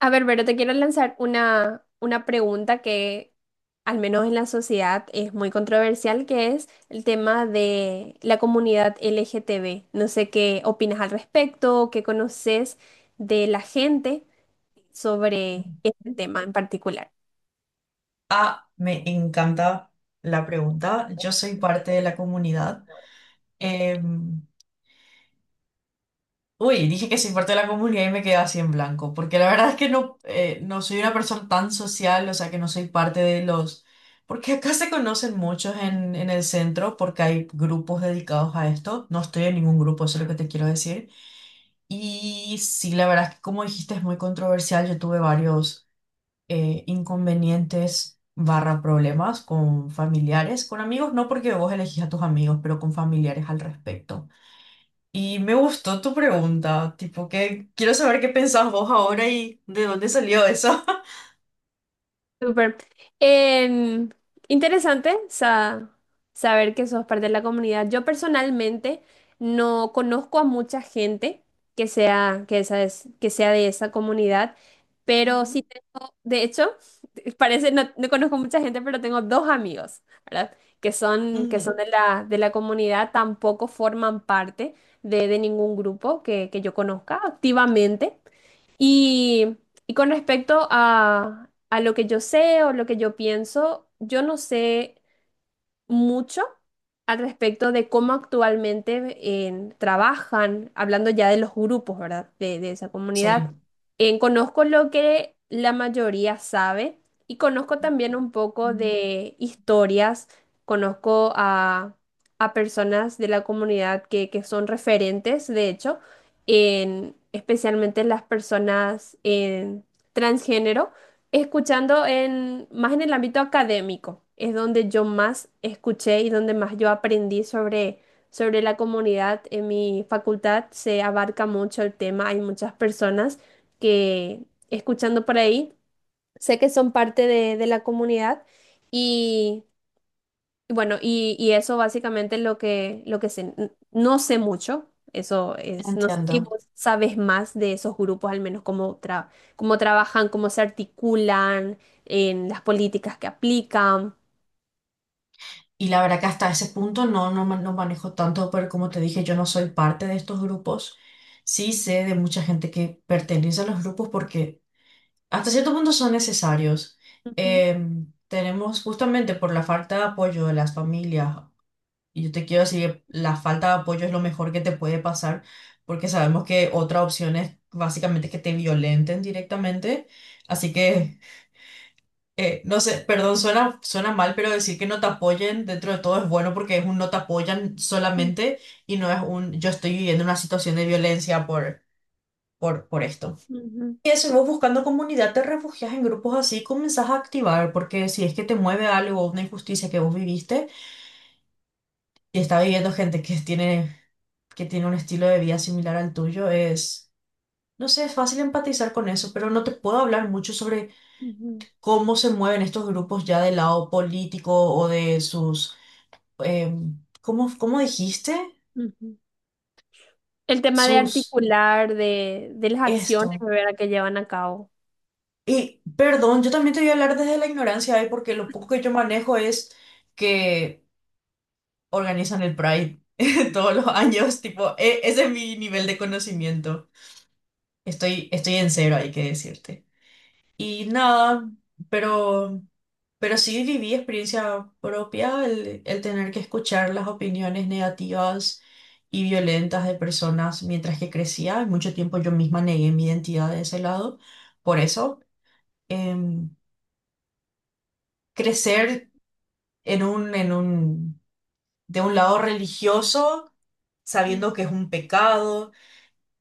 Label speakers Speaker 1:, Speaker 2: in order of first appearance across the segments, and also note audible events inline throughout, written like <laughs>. Speaker 1: A ver, pero te quiero lanzar una pregunta que al menos en la sociedad es muy controversial, que es el tema de la comunidad LGTB. No sé qué opinas al respecto, qué conoces de la gente sobre este tema en particular.
Speaker 2: Ah, me encanta la pregunta. Yo soy parte de la comunidad. Em, Uy, dije que soy parte de la comunidad y me quedé así en blanco, porque la verdad es que no, no soy una persona tan social, o sea que no soy parte de los... Porque acá se conocen muchos en el centro, porque hay grupos dedicados a esto. No estoy en ningún grupo, eso es lo que te quiero decir. Y sí, la verdad es que como dijiste es muy controversial. Yo tuve varios inconvenientes barra problemas con familiares, con amigos, no porque vos elegís a tus amigos, pero con familiares al respecto. Y me gustó tu pregunta, tipo que quiero saber qué pensás vos ahora y de dónde salió eso.
Speaker 1: Súper. Em, Interesante saber que sos parte de la comunidad. Yo personalmente no conozco a mucha gente que sea, que esa es, que sea de esa comunidad,
Speaker 2: <laughs>
Speaker 1: pero sí,
Speaker 2: Ujú.
Speaker 1: de hecho, <laughs> parece, no, no conozco mucha gente, pero tengo dos amigos, ¿verdad? Que son
Speaker 2: Ujú.
Speaker 1: de la comunidad, tampoco forman parte de ningún grupo que yo conozca activamente. Y, y con respecto a lo que yo sé o lo que yo pienso, yo no sé mucho al respecto de cómo actualmente trabajan, hablando ya de los grupos, ¿verdad? De esa comunidad.
Speaker 2: Sí.
Speaker 1: En, conozco lo que la mayoría sabe y conozco también un poco
Speaker 2: Mm.
Speaker 1: de historias, conozco a personas de la comunidad que son referentes, de hecho, en, especialmente las personas en transgénero. Escuchando en, más en el ámbito académico, es donde yo más escuché y donde más yo aprendí sobre, sobre la comunidad. En mi facultad se abarca mucho el tema, hay muchas personas que escuchando por ahí, sé que son parte de la comunidad y bueno, y eso básicamente es lo que sé. No sé mucho, eso es, no sé si
Speaker 2: Entiendo.
Speaker 1: vos sabes más de esos grupos, al menos cómo, cómo trabajan, cómo se articulan, en las políticas que aplican.
Speaker 2: Y la verdad que hasta ese punto no manejo tanto, pero como te dije, yo no soy parte de estos grupos. Sí sé de mucha gente que pertenece a los grupos porque hasta cierto punto son necesarios.
Speaker 1: Ujú,
Speaker 2: Tenemos justamente por la falta de apoyo de las familias. Y yo te quiero decir, la falta de apoyo es lo mejor que te puede pasar, porque sabemos que otra opción es básicamente que te violenten directamente. Así que, no sé, perdón, suena mal, pero decir que no te apoyen dentro de todo es bueno porque es un no te apoyan
Speaker 1: ujú,
Speaker 2: solamente y no es un yo estoy viviendo una situación de violencia por esto.
Speaker 1: ujú,
Speaker 2: Y eso, vos buscando comunidad, te refugias en grupos así, comenzás a activar, porque si es que te mueve algo, una injusticia que vos viviste y está viviendo gente que tiene un estilo de vida similar al tuyo, es, no sé, es fácil empatizar con eso, pero no te puedo hablar mucho sobre
Speaker 1: ujú,
Speaker 2: cómo se mueven estos grupos ya del lado político o de sus, ¿cómo, cómo dijiste?
Speaker 1: ujú. El tema de
Speaker 2: Sus,
Speaker 1: articular, de las acciones,
Speaker 2: esto.
Speaker 1: ¿verdad? Que llevan a cabo.
Speaker 2: Y perdón, yo también te voy a hablar desde la ignorancia, ¿eh? Porque lo poco que yo manejo es que organizan el Pride <laughs> todos los años, tipo, ese es mi nivel de conocimiento. Estoy en cero, hay que decirte. Y nada, pero, pero sí viví experiencia propia el tener que escuchar las opiniones negativas y violentas de personas mientras que crecía. Y mucho tiempo yo misma negué mi identidad de ese lado. Por eso, em, crecer en un, de un lado religioso,
Speaker 1: Ujú,
Speaker 2: sabiendo que es un pecado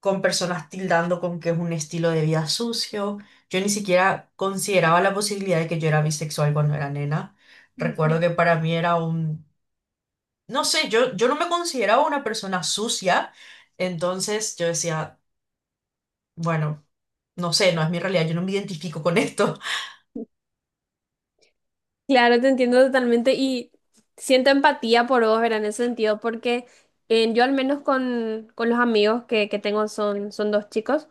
Speaker 2: con personas tildando con que es un estilo de vida sucio. Yo ni siquiera consideraba la posibilidad de que yo era bisexual cuando era nena. Recuerdo
Speaker 1: ujú.
Speaker 2: que para mí era un, no sé, yo no me consideraba una persona sucia, entonces yo decía, bueno, no sé, no es mi realidad, yo no me identifico con esto.
Speaker 1: Claro, te entiendo totalmente y siento empatía por vos, ¿verdad? En ese sentido, porque yo al menos con los amigos que tengo son, son dos chicos.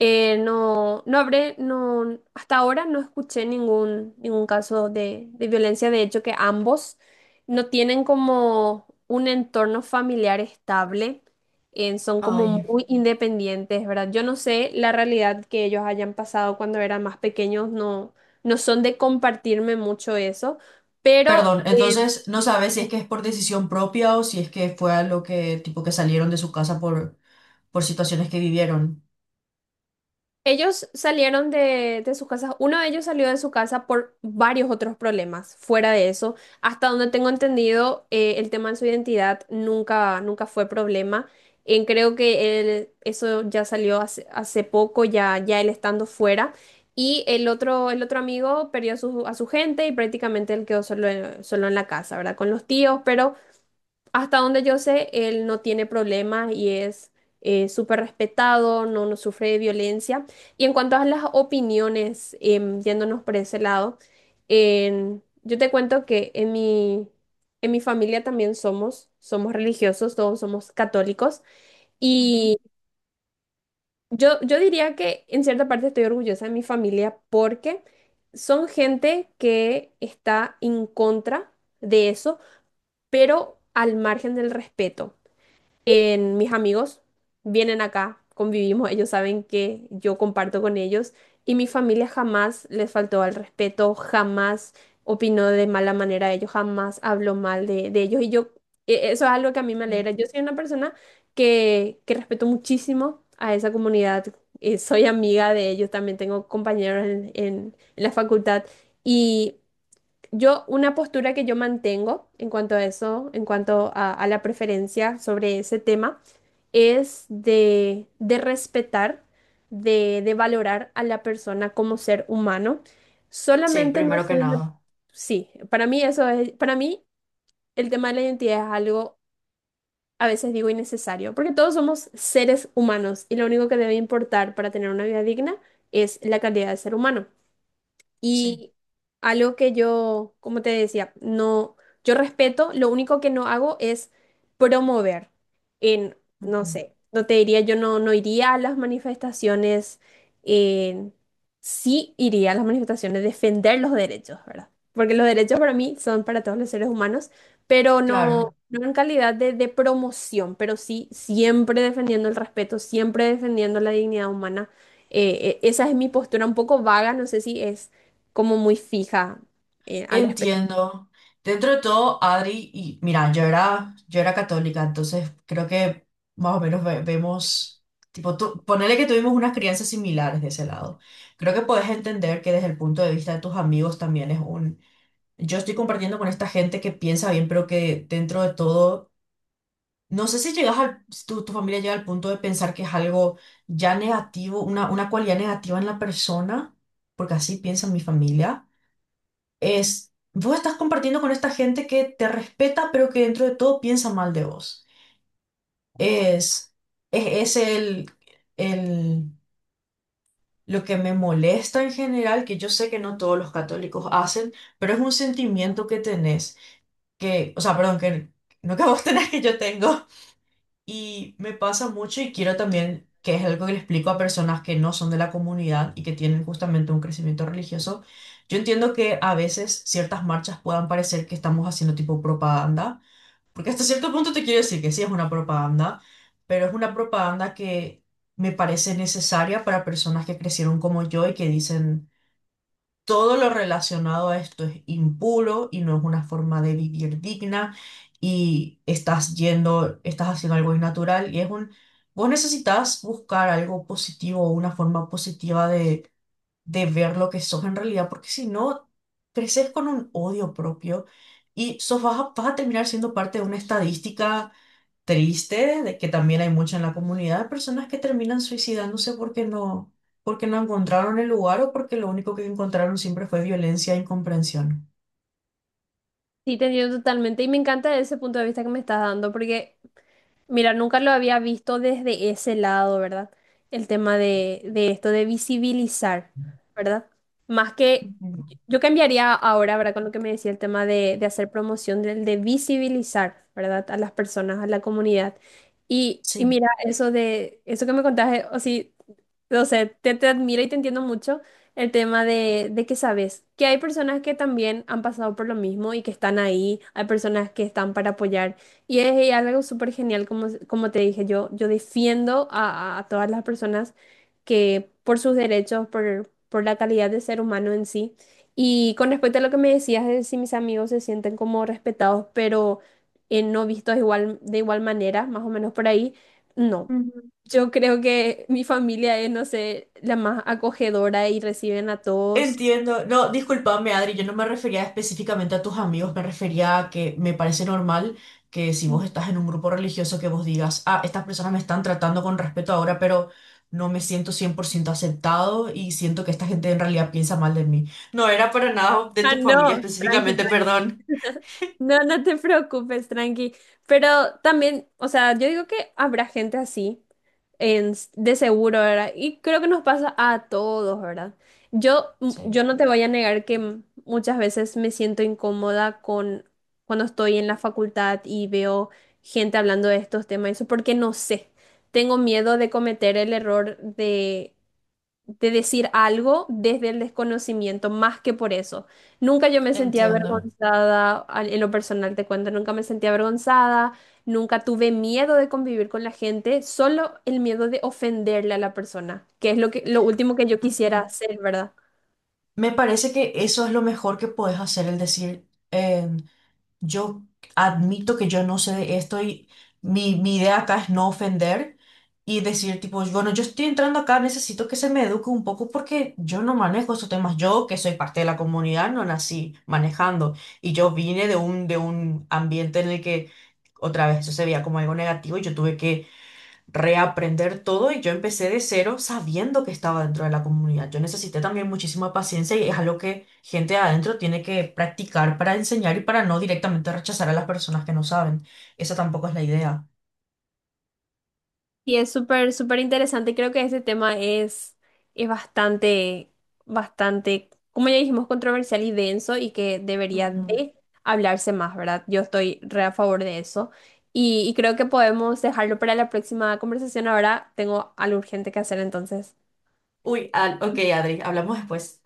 Speaker 1: No, no, hasta ahora no escuché ningún, ningún caso de violencia. De hecho, que ambos no tienen como un entorno familiar estable, son como
Speaker 2: Ay,
Speaker 1: muy independientes, ¿verdad? Yo no sé la realidad que ellos hayan pasado cuando eran más pequeños, no, no son de compartirme mucho eso, pero
Speaker 2: perdón, entonces no sabes si es que es por decisión propia o si es que fue algo que, tipo, que salieron de su casa por situaciones que vivieron.
Speaker 1: ellos salieron de sus casas, uno de ellos salió de su casa por varios otros problemas, fuera de eso, hasta donde tengo entendido, el tema de su identidad nunca, nunca fue problema. Creo que eso ya salió hace, hace poco, ya, ya él estando fuera. Y el otro amigo perdió a su gente y prácticamente él quedó solo en, solo en la casa, ¿verdad? Con los tíos, pero... Hasta donde yo sé, él no tiene problemas y es súper respetado, no, no sufre de violencia. Y en cuanto a las opiniones, yéndonos por ese lado, yo te cuento que en mi familia también somos, somos religiosos, todos somos católicos.
Speaker 2: Ujú.
Speaker 1: Y yo diría que en cierta parte estoy orgullosa de mi familia porque son gente que está en contra de eso, pero al margen del respeto en mis amigos vienen acá, convivimos, ellos saben que yo comparto con ellos y mi familia jamás les faltó al respeto, jamás opinó de mala manera de ellos, jamás habló mal de ellos y yo, eso es algo que a mí me alegra. Yo soy una persona que respeto muchísimo a esa comunidad, soy amiga de ellos, también tengo compañeros en, en la facultad. Y yo, una postura que yo mantengo en cuanto a eso, en cuanto a la preferencia sobre ese tema, es de respetar, de valorar a la persona como ser humano.
Speaker 2: Sí,
Speaker 1: Solamente no
Speaker 2: primero que
Speaker 1: soy una...
Speaker 2: nada.
Speaker 1: Sí, para mí eso es, para mí el tema de la identidad es algo, a veces digo, innecesario, porque todos somos seres humanos y lo único que debe importar para tener una vida digna es la calidad de ser humano.
Speaker 2: Sí.
Speaker 1: Y algo que yo, como te decía, no, yo respeto, lo único que no hago es promover. En, no
Speaker 2: Ujú.
Speaker 1: sé, no te diría, yo no, no iría a las manifestaciones, en- sí iría a las manifestaciones, defender los derechos, ¿verdad? Porque los derechos para mí son para todos los seres humanos, pero no,
Speaker 2: Claro,
Speaker 1: no en calidad de promoción, pero sí siempre defendiendo el respeto, siempre defendiendo la dignidad humana. Esa es mi postura un poco vaga, no sé si es como muy fija al respecto.
Speaker 2: entiendo. Dentro de todo, Adri, y mira, yo era católica, entonces creo que más o menos vemos, tipo, tú, ponele que tuvimos unas crianzas similares de ese lado. Creo que puedes entender que desde el punto de vista de tus amigos también es un, yo estoy compartiendo con esta gente que piensa bien, pero que dentro de todo, no sé si llegas al, si tu familia llega al punto de pensar que es algo ya negativo, una cualidad negativa en la persona, porque así piensa mi familia es, vos estás compartiendo con esta gente que te respeta, pero que dentro de todo piensa mal de vos. Es, es el, lo que me molesta en general, que yo sé que no todos los católicos hacen, pero es un sentimiento que tenés, que, o sea, perdón, que no que vos <laughs> tenés, que yo tengo. Y me pasa mucho y quiero también, que es algo que le explico a personas que no son de la comunidad y que tienen justamente un crecimiento religioso, yo entiendo que a veces ciertas marchas puedan parecer que estamos haciendo tipo propaganda, porque hasta cierto punto te quiero decir que sí es una propaganda, pero es una propaganda que me parece necesaria para personas que crecieron como yo y que dicen... Todo lo relacionado a esto es impuro y no es una forma de vivir digna y estás yendo, estás haciendo algo innatural y es un, vos necesitas buscar algo positivo, una forma positiva de ver lo que sos en realidad, porque si no, creces con un odio propio y sos, vas a terminar siendo parte de una estadística triste de que también hay mucha en la comunidad, de personas que terminan suicidándose porque no encontraron el lugar o porque lo único que encontraron siempre fue violencia e incomprensión.
Speaker 1: Sí, te entiendo totalmente y me encanta ese punto de vista que me estás dando porque mira, nunca lo había visto desde ese lado, ¿verdad? El tema de esto de visibilizar, ¿verdad? Más que
Speaker 2: Ujú.
Speaker 1: yo cambiaría ahora, ¿verdad? Con lo que me decía el tema de hacer promoción, del de visibilizar, ¿verdad? A las personas, a la comunidad. Y
Speaker 2: Sí.
Speaker 1: mira, eso de, eso que me contaste, o sí, o sea, te admiro y te entiendo mucho el tema de que sabes que hay personas que también han pasado por lo mismo y que están ahí, hay personas que están para apoyar. Y es y algo súper genial, como, como te dije, yo defiendo a, a todas las personas que por sus derechos, por la calidad de ser humano en sí. Y con respecto a lo que me decías de si mis amigos se sienten como respetados, pero no vistos igual, de igual manera, más o menos por ahí, no. Yo creo que mi familia es, no sé, la más acogedora y reciben a todos.
Speaker 2: Entiendo. No, discúlpame, Adri, yo no me refería específicamente a tus amigos, me refería a que me parece normal que si vos estás en un grupo religioso que vos digas, ah, estas personas me están tratando con respeto ahora, pero no me siento 100% aceptado y siento que esta gente en realidad piensa mal de mí. No era para nada de
Speaker 1: Ah,
Speaker 2: tu
Speaker 1: no,
Speaker 2: familia
Speaker 1: tranqui.
Speaker 2: específicamente, perdón.
Speaker 1: <laughs> No, no te preocupes, tranqui. Pero también, o sea, yo digo que habrá gente así, en, de seguro, ¿verdad? Y creo que nos pasa a todos, ¿verdad? Yo,
Speaker 2: Sí,
Speaker 1: yo no te voy a negar que muchas veces me siento incómoda con cuando estoy en la facultad y veo gente hablando de estos temas, eso porque no sé. Tengo miedo de cometer el error de decir algo desde el desconocimiento, más que por eso. Nunca yo me sentía
Speaker 2: entiendo.
Speaker 1: avergonzada, en lo personal te cuento, nunca me sentía avergonzada, nunca tuve miedo de convivir con la gente, solo el miedo de ofenderle a la persona, que es lo que, lo último que yo quisiera
Speaker 2: Ujú.
Speaker 1: hacer, ¿verdad?
Speaker 2: Me parece que eso es lo mejor que puedes hacer, el decir, yo admito que yo no sé de esto y mi idea acá es no ofender y decir tipo, bueno, yo estoy entrando acá, necesito que se me eduque un poco porque yo no manejo esos temas. Yo, que soy parte de la comunidad, no nací manejando y yo vine de un ambiente en el que otra vez eso se veía como algo negativo y yo tuve que reaprender todo y yo empecé de cero sabiendo que estaba dentro de la comunidad. Yo necesité también muchísima paciencia y es algo que gente de adentro tiene que practicar para enseñar y para no directamente rechazar a las personas que no saben. Esa tampoco es la idea.
Speaker 1: Y es súper, súper interesante. Creo que ese tema es bastante, bastante, como ya dijimos, controversial y denso y que debería
Speaker 2: Ujú.
Speaker 1: de hablarse más, ¿verdad? Yo estoy re a favor de eso. Y creo que podemos dejarlo para la próxima conversación. Ahora tengo algo urgente que hacer entonces.
Speaker 2: Uy, ah, ok, Adri, hablamos después.